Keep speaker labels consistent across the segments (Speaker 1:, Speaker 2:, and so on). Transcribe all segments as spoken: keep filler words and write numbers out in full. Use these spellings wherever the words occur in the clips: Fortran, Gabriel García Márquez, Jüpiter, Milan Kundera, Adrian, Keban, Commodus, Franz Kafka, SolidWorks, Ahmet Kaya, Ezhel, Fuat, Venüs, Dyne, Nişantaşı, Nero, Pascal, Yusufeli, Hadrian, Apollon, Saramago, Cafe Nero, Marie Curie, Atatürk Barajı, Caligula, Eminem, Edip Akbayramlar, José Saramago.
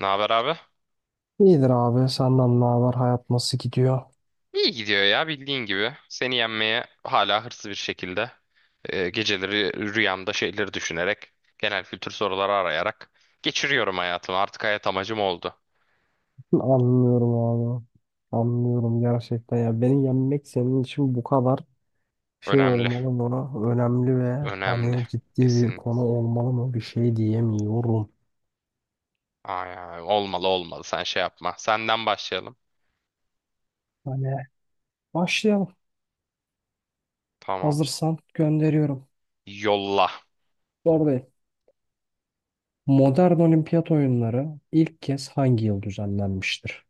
Speaker 1: Ne haber abi?
Speaker 2: İyidir abi. Senden ne haber? Hayat nasıl gidiyor?
Speaker 1: İyi gidiyor ya bildiğin gibi. Seni yenmeye hala hırslı bir şekilde e, geceleri rüyamda şeyleri düşünerek genel kültür soruları arayarak geçiriyorum hayatımı. Artık hayat amacım oldu.
Speaker 2: Anlıyorum abi. Anlıyorum gerçekten ya. Beni yenmek senin için bu kadar şey
Speaker 1: Önemli.
Speaker 2: olmalı mı? Önemli ve
Speaker 1: Önemli.
Speaker 2: hani ciddi bir
Speaker 1: Kesin.
Speaker 2: konu olmalı mı? Bir şey diyemiyorum.
Speaker 1: Ay, ay, olmalı olmalı sen şey yapma. Senden başlayalım.
Speaker 2: Hani başlayalım.
Speaker 1: Tamam.
Speaker 2: Hazırsan gönderiyorum.
Speaker 1: Yolla.
Speaker 2: Oradayım. Modern Olimpiyat oyunları ilk kez hangi yıl düzenlenmiştir?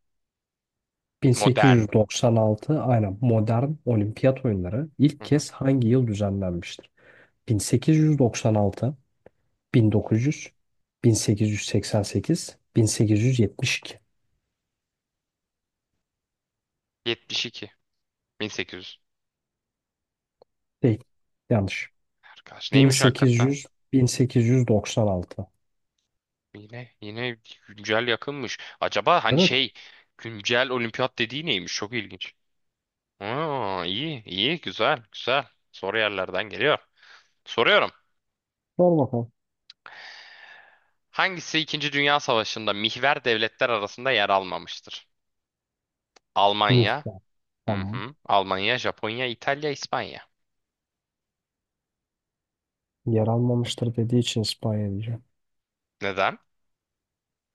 Speaker 1: Modern.
Speaker 2: bin sekiz yüz doksan altı, aynen. Modern olimpiyat oyunları ilk
Speaker 1: Hı hı.
Speaker 2: kez hangi yıl düzenlenmiştir? bin sekiz yüz doksan altı, bin dokuz yüz, bin sekiz yüz seksen sekiz, bin sekiz yüz yetmiş iki.
Speaker 1: yetmiş iki. bin sekiz yüz.
Speaker 2: Değil. Yanlış.
Speaker 1: Arkadaş neymiş hakikaten?
Speaker 2: bin sekiz yüz, bin sekiz yüz doksan altı.
Speaker 1: Yine yine güncel yakınmış. Acaba hani
Speaker 2: Evet.
Speaker 1: şey güncel olimpiyat dediği neymiş? Çok ilginç. Aa, iyi iyi güzel güzel. Soru yerlerden geliyor. Soruyorum.
Speaker 2: Sor bakalım.
Speaker 1: Hangisi İkinci Dünya Savaşı'nda mihver devletler arasında yer almamıştır? Almanya.
Speaker 2: Mihver.
Speaker 1: Hı
Speaker 2: Tamam.
Speaker 1: hı. Almanya, Japonya, İtalya, İspanya.
Speaker 2: Yer almamıştır dediği için İspanya diyeceğim.
Speaker 1: Neden?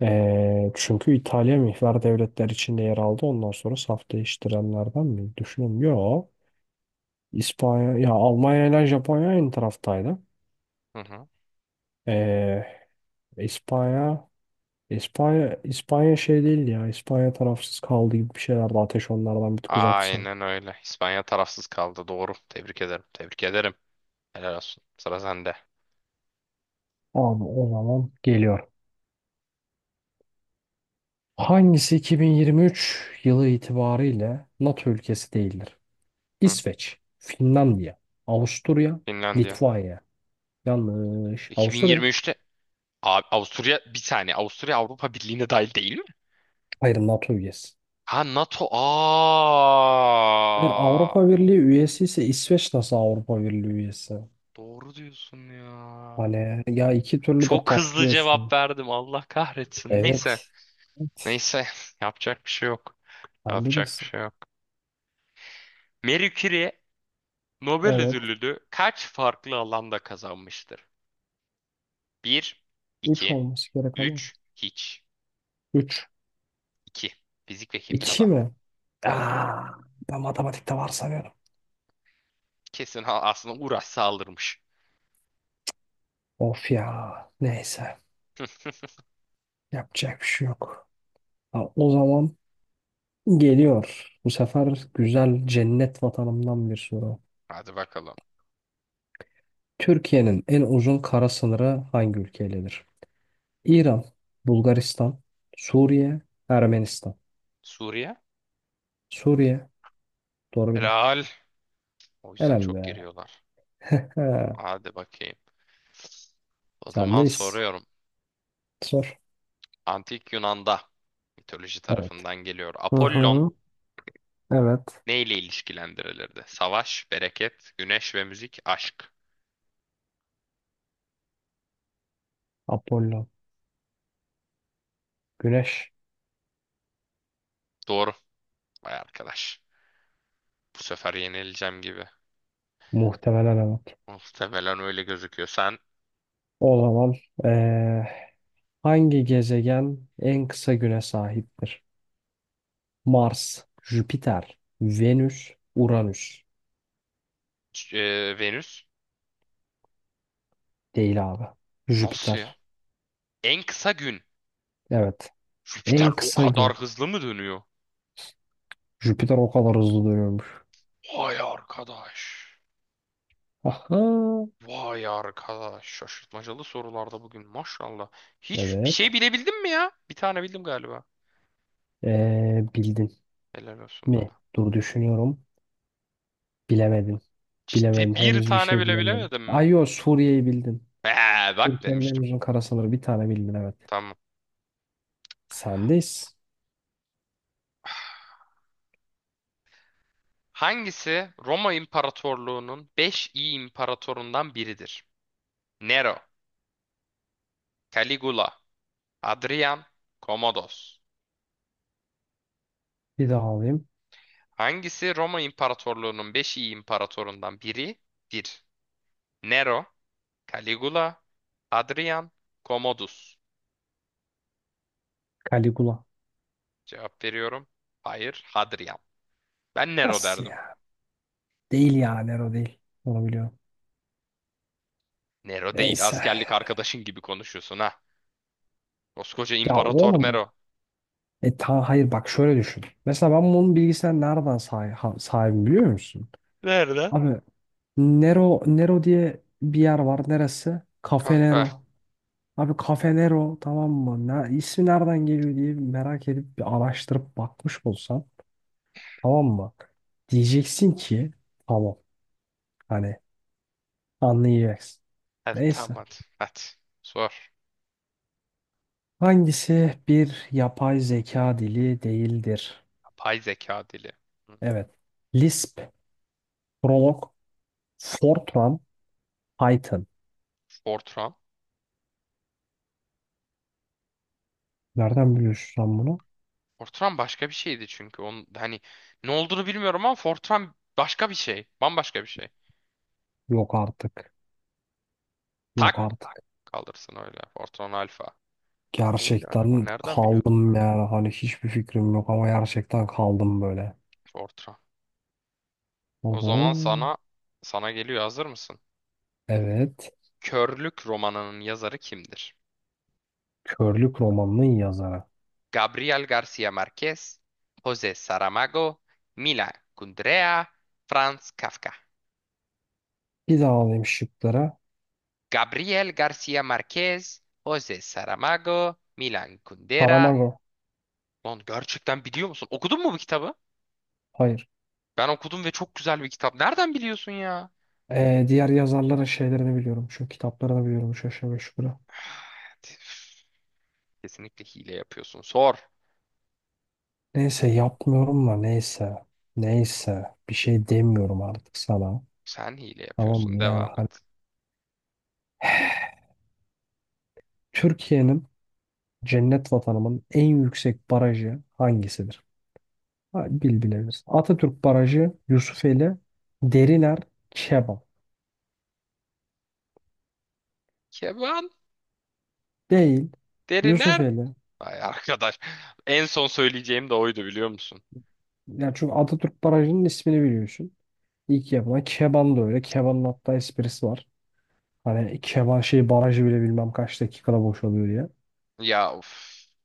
Speaker 2: Ee, çünkü İtalya mihver devletler içinde yer aldı. Ondan sonra saf değiştirenlerden mi? Düşünün. Yok. İspanya, ya Almanya ile Japonya aynı taraftaydı.
Speaker 1: Hı hı.
Speaker 2: Ee, İspanya İspanya, İspanya şey değil ya. İspanya tarafsız kaldı gibi bir şeylerdi. Ateş onlardan bir tık uzaktı sanki.
Speaker 1: Aynen öyle. İspanya tarafsız kaldı. Doğru. Tebrik ederim. Tebrik ederim. Helal olsun. Sıra sende.
Speaker 2: Abi o zaman geliyor. Hangisi iki bin yirmi üç yılı itibariyle NATO ülkesi değildir?
Speaker 1: Hı.
Speaker 2: İsveç, Finlandiya, Avusturya,
Speaker 1: Finlandiya.
Speaker 2: Litvanya. Yanlış. Avusturya.
Speaker 1: iki bin yirmi üçte abi, Avusturya bir saniye. Avusturya Avrupa Birliği'ne dahil değil mi?
Speaker 2: Hayır, NATO üyesi.
Speaker 1: Ha, NATO.
Speaker 2: Hayır,
Speaker 1: Aa,
Speaker 2: Avrupa Birliği üyesi ise İsveç nasıl Avrupa Birliği üyesi?
Speaker 1: doğru diyorsun ya.
Speaker 2: Hani ya, iki türlü de
Speaker 1: Çok hızlı cevap
Speaker 2: patlıyorsun.
Speaker 1: verdim. Allah kahretsin. Neyse.
Speaker 2: Evet. Evet.
Speaker 1: Neyse. Yapacak bir şey yok.
Speaker 2: Sen
Speaker 1: Yapacak bir
Speaker 2: bilirsin.
Speaker 1: şey yok. Marie Curie Nobel
Speaker 2: Evet.
Speaker 1: ödülünü kaç farklı alanda kazanmıştır? Bir,
Speaker 2: Üç
Speaker 1: iki,
Speaker 2: olması gerek ama.
Speaker 1: üç, hiç.
Speaker 2: üç.
Speaker 1: İki. Fizik ve
Speaker 2: iki
Speaker 1: kimyada.
Speaker 2: mi?
Speaker 1: Hmm,
Speaker 2: Aa, ben matematikte var sanıyorum.
Speaker 1: kesin ha- aslında uğraşsa alırmış.
Speaker 2: Of ya. Neyse. Yapacak bir şey yok. Ha, o zaman geliyor. Bu sefer güzel cennet vatanımdan bir soru.
Speaker 1: Hadi bakalım.
Speaker 2: Türkiye'nin en uzun kara sınırı hangi ülkeyledir? İran, Bulgaristan, Suriye, Ermenistan.
Speaker 1: Suriye?
Speaker 2: Suriye. Doğru bildim.
Speaker 1: Helal. O yüzden
Speaker 2: Helal
Speaker 1: çok
Speaker 2: be.
Speaker 1: giriyorlar. Hadi bakayım. O zaman
Speaker 2: Sendeyiz.
Speaker 1: soruyorum.
Speaker 2: Sor.
Speaker 1: Antik Yunan'da mitoloji
Speaker 2: Evet.
Speaker 1: tarafından geliyor.
Speaker 2: Hı
Speaker 1: Apollon
Speaker 2: hı. Evet.
Speaker 1: neyle ilişkilendirilirdi? Savaş, bereket, güneş ve müzik, aşk.
Speaker 2: Apollo. Güneş.
Speaker 1: Doğru. Vay arkadaş. Bu sefer yenileceğim gibi.
Speaker 2: Muhtemelen.
Speaker 1: Muhtemelen öyle gözüküyor. Sen
Speaker 2: O zaman eee, hangi gezegen en kısa güne sahiptir? Mars, Jüpiter, Venüs, Uranüs.
Speaker 1: e, Venüs.
Speaker 2: Değil abi.
Speaker 1: Nasıl ya?
Speaker 2: Jüpiter.
Speaker 1: En kısa gün.
Speaker 2: Evet. En
Speaker 1: Jüpiter o
Speaker 2: kısa
Speaker 1: kadar
Speaker 2: gün.
Speaker 1: hızlı mı dönüyor?
Speaker 2: Jüpiter o kadar hızlı dönüyormuş.
Speaker 1: Vay arkadaş.
Speaker 2: Aha.
Speaker 1: Vay arkadaş, şaşırtmacalı sorularda bugün maşallah. Hiç bir şey
Speaker 2: Evet.
Speaker 1: bilebildin mi ya? Bir tane bildim galiba.
Speaker 2: Eee, bildin
Speaker 1: Helal olsun
Speaker 2: mi?
Speaker 1: bana.
Speaker 2: Dur düşünüyorum. Bilemedin. Bilemedin.
Speaker 1: Ciddi bir
Speaker 2: Henüz bir
Speaker 1: tane
Speaker 2: şey
Speaker 1: bile
Speaker 2: bilemedin.
Speaker 1: bilemedin mi?
Speaker 2: Ay yo, Suriye'yi bildin.
Speaker 1: Ee, bak
Speaker 2: Türkiye'nin en
Speaker 1: demiştim.
Speaker 2: uzun kara sınırı, bir tane bildin evet.
Speaker 1: Tamam.
Speaker 2: Sendeyiz.
Speaker 1: Hangisi Roma İmparatorluğu'nun beş iyi imparatorundan biridir? Nero, Caligula, Adrian, Commodus.
Speaker 2: Bir daha alayım.
Speaker 1: Hangisi Roma İmparatorluğu'nun beş iyi imparatorundan biridir? Nero, Caligula, Adrian, Commodus.
Speaker 2: Caligula.
Speaker 1: Cevap veriyorum. Hayır, Hadrian. Ben Nero
Speaker 2: Nasıl
Speaker 1: derdim.
Speaker 2: ya? Değil ya, Nero değil. Onu biliyorum.
Speaker 1: Nero değil,
Speaker 2: Neyse.
Speaker 1: askerlik arkadaşın gibi konuşuyorsun ha. Koskoca
Speaker 2: Ya
Speaker 1: İmparator
Speaker 2: oğlum bak.
Speaker 1: Nero.
Speaker 2: E ta hayır bak, şöyle düşün. Mesela ben bunun bilgisayar nereden sahi- ha- sahibim biliyor musun?
Speaker 1: Nerede?
Speaker 2: Abi Nero Nero diye bir yer var. Neresi? Cafe
Speaker 1: Kahve.
Speaker 2: Nero. Abi Cafe Nero, tamam mı? Ne, ismi nereden geliyor diye merak edip bir araştırıp bakmış olsan, tamam mı? Diyeceksin ki tamam, hani, anlayacaksın.
Speaker 1: Hadi tamam
Speaker 2: Neyse.
Speaker 1: hadi. Hadi. Sor.
Speaker 2: Hangisi bir yapay zeka dili değildir?
Speaker 1: Yapay zeka dili. Hı.
Speaker 2: Evet. Lisp, Prolog, Fortran, Python.
Speaker 1: Fortran.
Speaker 2: Nereden biliyorsun sen bunu?
Speaker 1: Fortran başka bir şeydi çünkü. Onun, hani ne olduğunu bilmiyorum ama Fortran başka bir şey. Bambaşka bir şey.
Speaker 2: Yok artık.
Speaker 1: Tak
Speaker 2: Yok artık.
Speaker 1: kalırsın öyle. Fortran Alfa. Neydi acaba?
Speaker 2: Gerçekten
Speaker 1: Nereden biliyordum ben?
Speaker 2: kaldım yani. Hani hiçbir fikrim yok ama gerçekten kaldım böyle.
Speaker 1: Fortran. O zaman
Speaker 2: Oho.
Speaker 1: sana sana geliyor. Hazır mısın?
Speaker 2: Evet.
Speaker 1: Körlük romanının yazarı kimdir?
Speaker 2: Körlük romanının yazarı.
Speaker 1: Gabriel García Márquez, José Saramago, Mila Kundera, Franz Kafka.
Speaker 2: Bir daha alayım şıklara.
Speaker 1: Gabriel García Márquez, José Saramago, Milan Kundera.
Speaker 2: Saramago.
Speaker 1: Lan gerçekten biliyor musun? Okudun mu bu kitabı?
Speaker 2: Hayır.
Speaker 1: Ben okudum ve çok güzel bir kitap. Nereden biliyorsun ya?
Speaker 2: Ee, diğer yazarların şeylerini biliyorum. Şu kitaplarını biliyorum. Üç aşağı beş yukarı.
Speaker 1: Kesinlikle hile yapıyorsun. Sor.
Speaker 2: Neyse, yapmıyorum da neyse. Neyse. Bir şey demiyorum artık sana.
Speaker 1: Sen hile
Speaker 2: Tamam
Speaker 1: yapıyorsun.
Speaker 2: mı? Yani
Speaker 1: Devam
Speaker 2: hani
Speaker 1: et.
Speaker 2: Türkiye'nin, cennet vatanımın en yüksek barajı hangisidir? Ha, bil bilebilirsin. Atatürk Barajı, Yusufeli, Deriler, Keban.
Speaker 1: Keban.
Speaker 2: Değil.
Speaker 1: Deriner.
Speaker 2: Yusufeli.
Speaker 1: Ay arkadaş. En son söyleyeceğim de oydu biliyor musun?
Speaker 2: Yani çünkü Atatürk Barajı'nın ismini biliyorsun. İlk yapılan Keban da öyle. Keban'ın hatta esprisi var. Hani Keban şey barajı bile bilmem kaç dakikada boşalıyor diye.
Speaker 1: Ya of.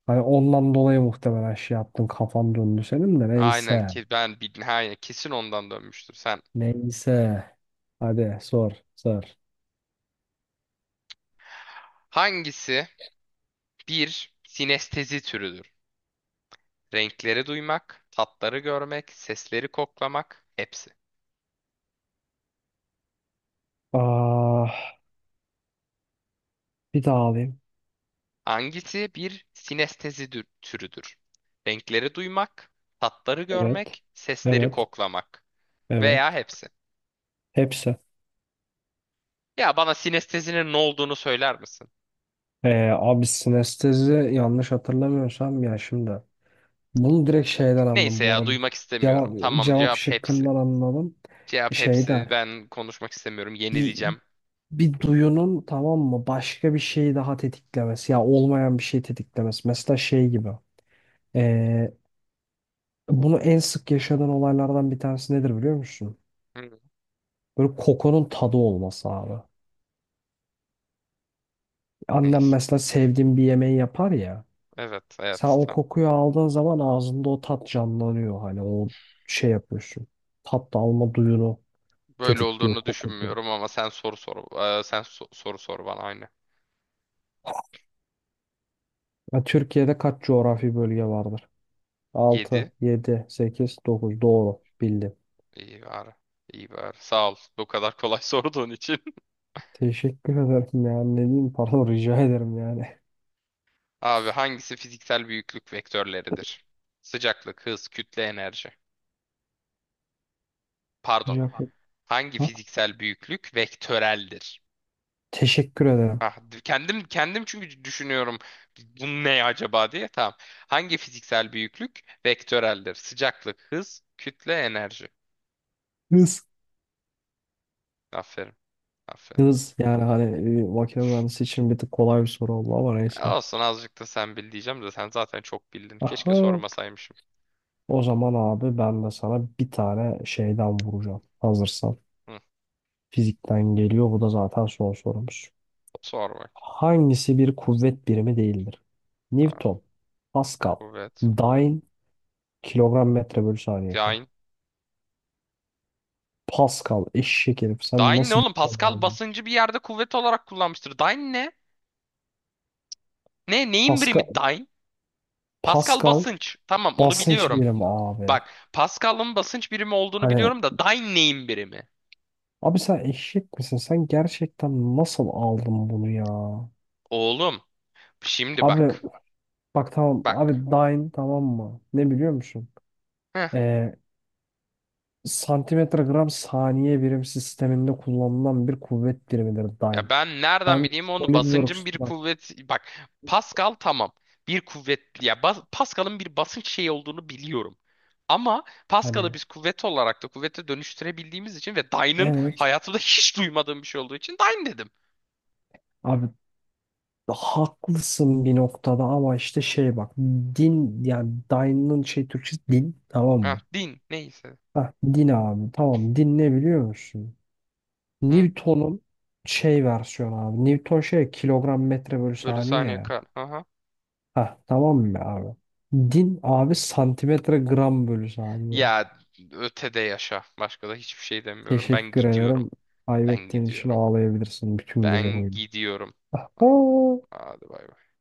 Speaker 2: Hani ondan dolayı muhtemelen şey yaptın, kafan döndü senin de,
Speaker 1: Aynen
Speaker 2: neyse.
Speaker 1: ki ben bil- aynen kesin ondan dönmüştür sen.
Speaker 2: Neyse. Hadi sor sor.
Speaker 1: Hangisi bir sinestezi türüdür? Renkleri duymak, tatları görmek, sesleri koklamak, hepsi.
Speaker 2: Aa, Bir daha alayım.
Speaker 1: Hangisi bir sinestezi dü- türüdür? Renkleri duymak, tatları
Speaker 2: Evet,
Speaker 1: görmek, sesleri
Speaker 2: evet,
Speaker 1: koklamak
Speaker 2: evet.
Speaker 1: veya hepsi.
Speaker 2: Hepsi.
Speaker 1: Ya bana sinestezinin ne olduğunu söyler misin?
Speaker 2: Ee, abi sinestezi, yanlış hatırlamıyorsam ya, şimdi. Bunu direkt şeyden anladım
Speaker 1: Neyse
Speaker 2: bu
Speaker 1: ya,
Speaker 2: arada.
Speaker 1: duymak
Speaker 2: Cevap,
Speaker 1: istemiyorum. Tamam,
Speaker 2: cevap
Speaker 1: cevap hepsi.
Speaker 2: şıkkından anladım.
Speaker 1: Cevap hepsi.
Speaker 2: Şeyden.
Speaker 1: Ben konuşmak istemiyorum.
Speaker 2: Bir,
Speaker 1: Yenileceğim.
Speaker 2: bir duyunun, tamam mı, başka bir şeyi daha tetiklemesi. Ya olmayan bir şey tetiklemesi. Mesela şey gibi. Ee, bunu en sık yaşadığın olaylardan bir tanesi nedir biliyor musun?
Speaker 1: Hı.
Speaker 2: Böyle kokunun tadı olması abi. Annem
Speaker 1: Neyse.
Speaker 2: mesela sevdiğim bir yemeği yapar ya.
Speaker 1: Evet,
Speaker 2: Sen
Speaker 1: evet.
Speaker 2: o
Speaker 1: Tamam.
Speaker 2: kokuyu aldığın zaman ağzında o tat canlanıyor. Hani o şey yapıyorsun. Tat alma duyunu
Speaker 1: Böyle
Speaker 2: tetikliyor
Speaker 1: olduğunu
Speaker 2: koku.
Speaker 1: düşünmüyorum ama sen soru sor. Ee, sen so- soru sor bana aynı.
Speaker 2: Ya Türkiye'de kaç coğrafi bölge vardır?
Speaker 1: Yedi.
Speaker 2: Altı, yedi, sekiz, dokuz. Doğru. Bildim.
Speaker 1: İyi bari. İyi bari. Sağ ol. Bu kadar kolay sorduğun için.
Speaker 2: Teşekkür ederim yani. Ne diyeyim? Pardon, rica ederim yani.
Speaker 1: Abi, hangisi fiziksel büyüklük vektörleridir? Sıcaklık, hız, kütle, enerji. Pardon.
Speaker 2: Rica
Speaker 1: Hangi
Speaker 2: Ha?
Speaker 1: fiziksel büyüklük vektöreldir?
Speaker 2: Teşekkür ederim.
Speaker 1: Ah, d- kendim kendim çünkü düşünüyorum bu ne acaba diye. Tamam. Hangi fiziksel büyüklük vektöreldir? Sıcaklık, hız, kütle, enerji.
Speaker 2: Hız.
Speaker 1: Aferin. Aferin.
Speaker 2: Hız. Yani hani e, makine mühendisi için bir tık kolay bir soru oldu ama
Speaker 1: E,
Speaker 2: neyse.
Speaker 1: olsun, azıcık da sen bil diyeceğim de sen zaten çok bildin. Keşke
Speaker 2: Aha.
Speaker 1: sormasaymışım.
Speaker 2: O zaman abi ben de sana bir tane şeyden vuracağım. Hazırsan.
Speaker 1: Hı,
Speaker 2: Fizikten geliyor. Bu da zaten son sorumuz.
Speaker 1: sor bak.
Speaker 2: Hangisi bir kuvvet birimi değildir?
Speaker 1: Abi,
Speaker 2: Newton, Pascal,
Speaker 1: kuvvet, kuvvet.
Speaker 2: Dyne, kilogram metre bölü saniye kare.
Speaker 1: Dyne.
Speaker 2: Pascal, eşek herif. Sen
Speaker 1: Dyne ne
Speaker 2: nasıl
Speaker 1: oğlum?
Speaker 2: dikkat
Speaker 1: Pascal
Speaker 2: abi?
Speaker 1: basıncı bir yerde kuvvet olarak kullanmıştır. Dyne ne? Ne? Neyin birimi
Speaker 2: Pascal,
Speaker 1: dyne? Pascal
Speaker 2: Pascal
Speaker 1: basınç. Tamam, onu
Speaker 2: basınç
Speaker 1: biliyorum.
Speaker 2: birimi abi.
Speaker 1: Bak, Pascal'ın basınç birimi olduğunu
Speaker 2: Hani
Speaker 1: biliyorum da dyne neyin birimi?
Speaker 2: abi sen eşek misin? Sen gerçekten nasıl aldın bunu ya?
Speaker 1: Oğlum, şimdi
Speaker 2: Abi
Speaker 1: bak.
Speaker 2: bak tamam. Abi
Speaker 1: Bak.
Speaker 2: Dyne, tamam mı? Ne biliyor musun? Ee, santimetre gram saniye birim sisteminde kullanılan bir kuvvet birimidir dyne.
Speaker 1: Ya ben nereden
Speaker 2: Sen
Speaker 1: bileyim onu, basıncın
Speaker 2: SolidWorks
Speaker 1: bir
Speaker 2: bak,
Speaker 1: kuvvet, bak Pascal tamam bir kuvvet ya, bas- Pascal'ın bir basınç şeyi olduğunu biliyorum. Ama Pascal'ı
Speaker 2: hani
Speaker 1: biz kuvvet olarak da kuvvete dönüştürebildiğimiz için ve Dyne'ın
Speaker 2: evet
Speaker 1: hayatımda hiç duymadığım bir şey olduğu için Dyne dedim.
Speaker 2: abi haklısın bir noktada ama işte şey bak, din, yani dyne'ın şey Türkçesi din, tamam
Speaker 1: Heh,
Speaker 2: mı?
Speaker 1: din neyse.
Speaker 2: Heh, din abi, tamam, din ne biliyor musun?
Speaker 1: Hı,
Speaker 2: Newton'un şey versiyonu abi. Newton şey kilogram metre bölü
Speaker 1: bölü
Speaker 2: saniye
Speaker 1: saniye
Speaker 2: ya.
Speaker 1: kar. Aha.
Speaker 2: Heh, tamam mı abi? Din abi, santimetre gram bölü saniye.
Speaker 1: Ya ötede yaşa. Başka da hiçbir şey demiyorum. Ben
Speaker 2: Teşekkür
Speaker 1: gidiyorum.
Speaker 2: ederim.
Speaker 1: Ben
Speaker 2: Kaybettiğin için
Speaker 1: gidiyorum.
Speaker 2: ağlayabilirsin bütün gece
Speaker 1: Ben
Speaker 2: boyunca.
Speaker 1: gidiyorum.
Speaker 2: Aha.
Speaker 1: Hadi bay bay.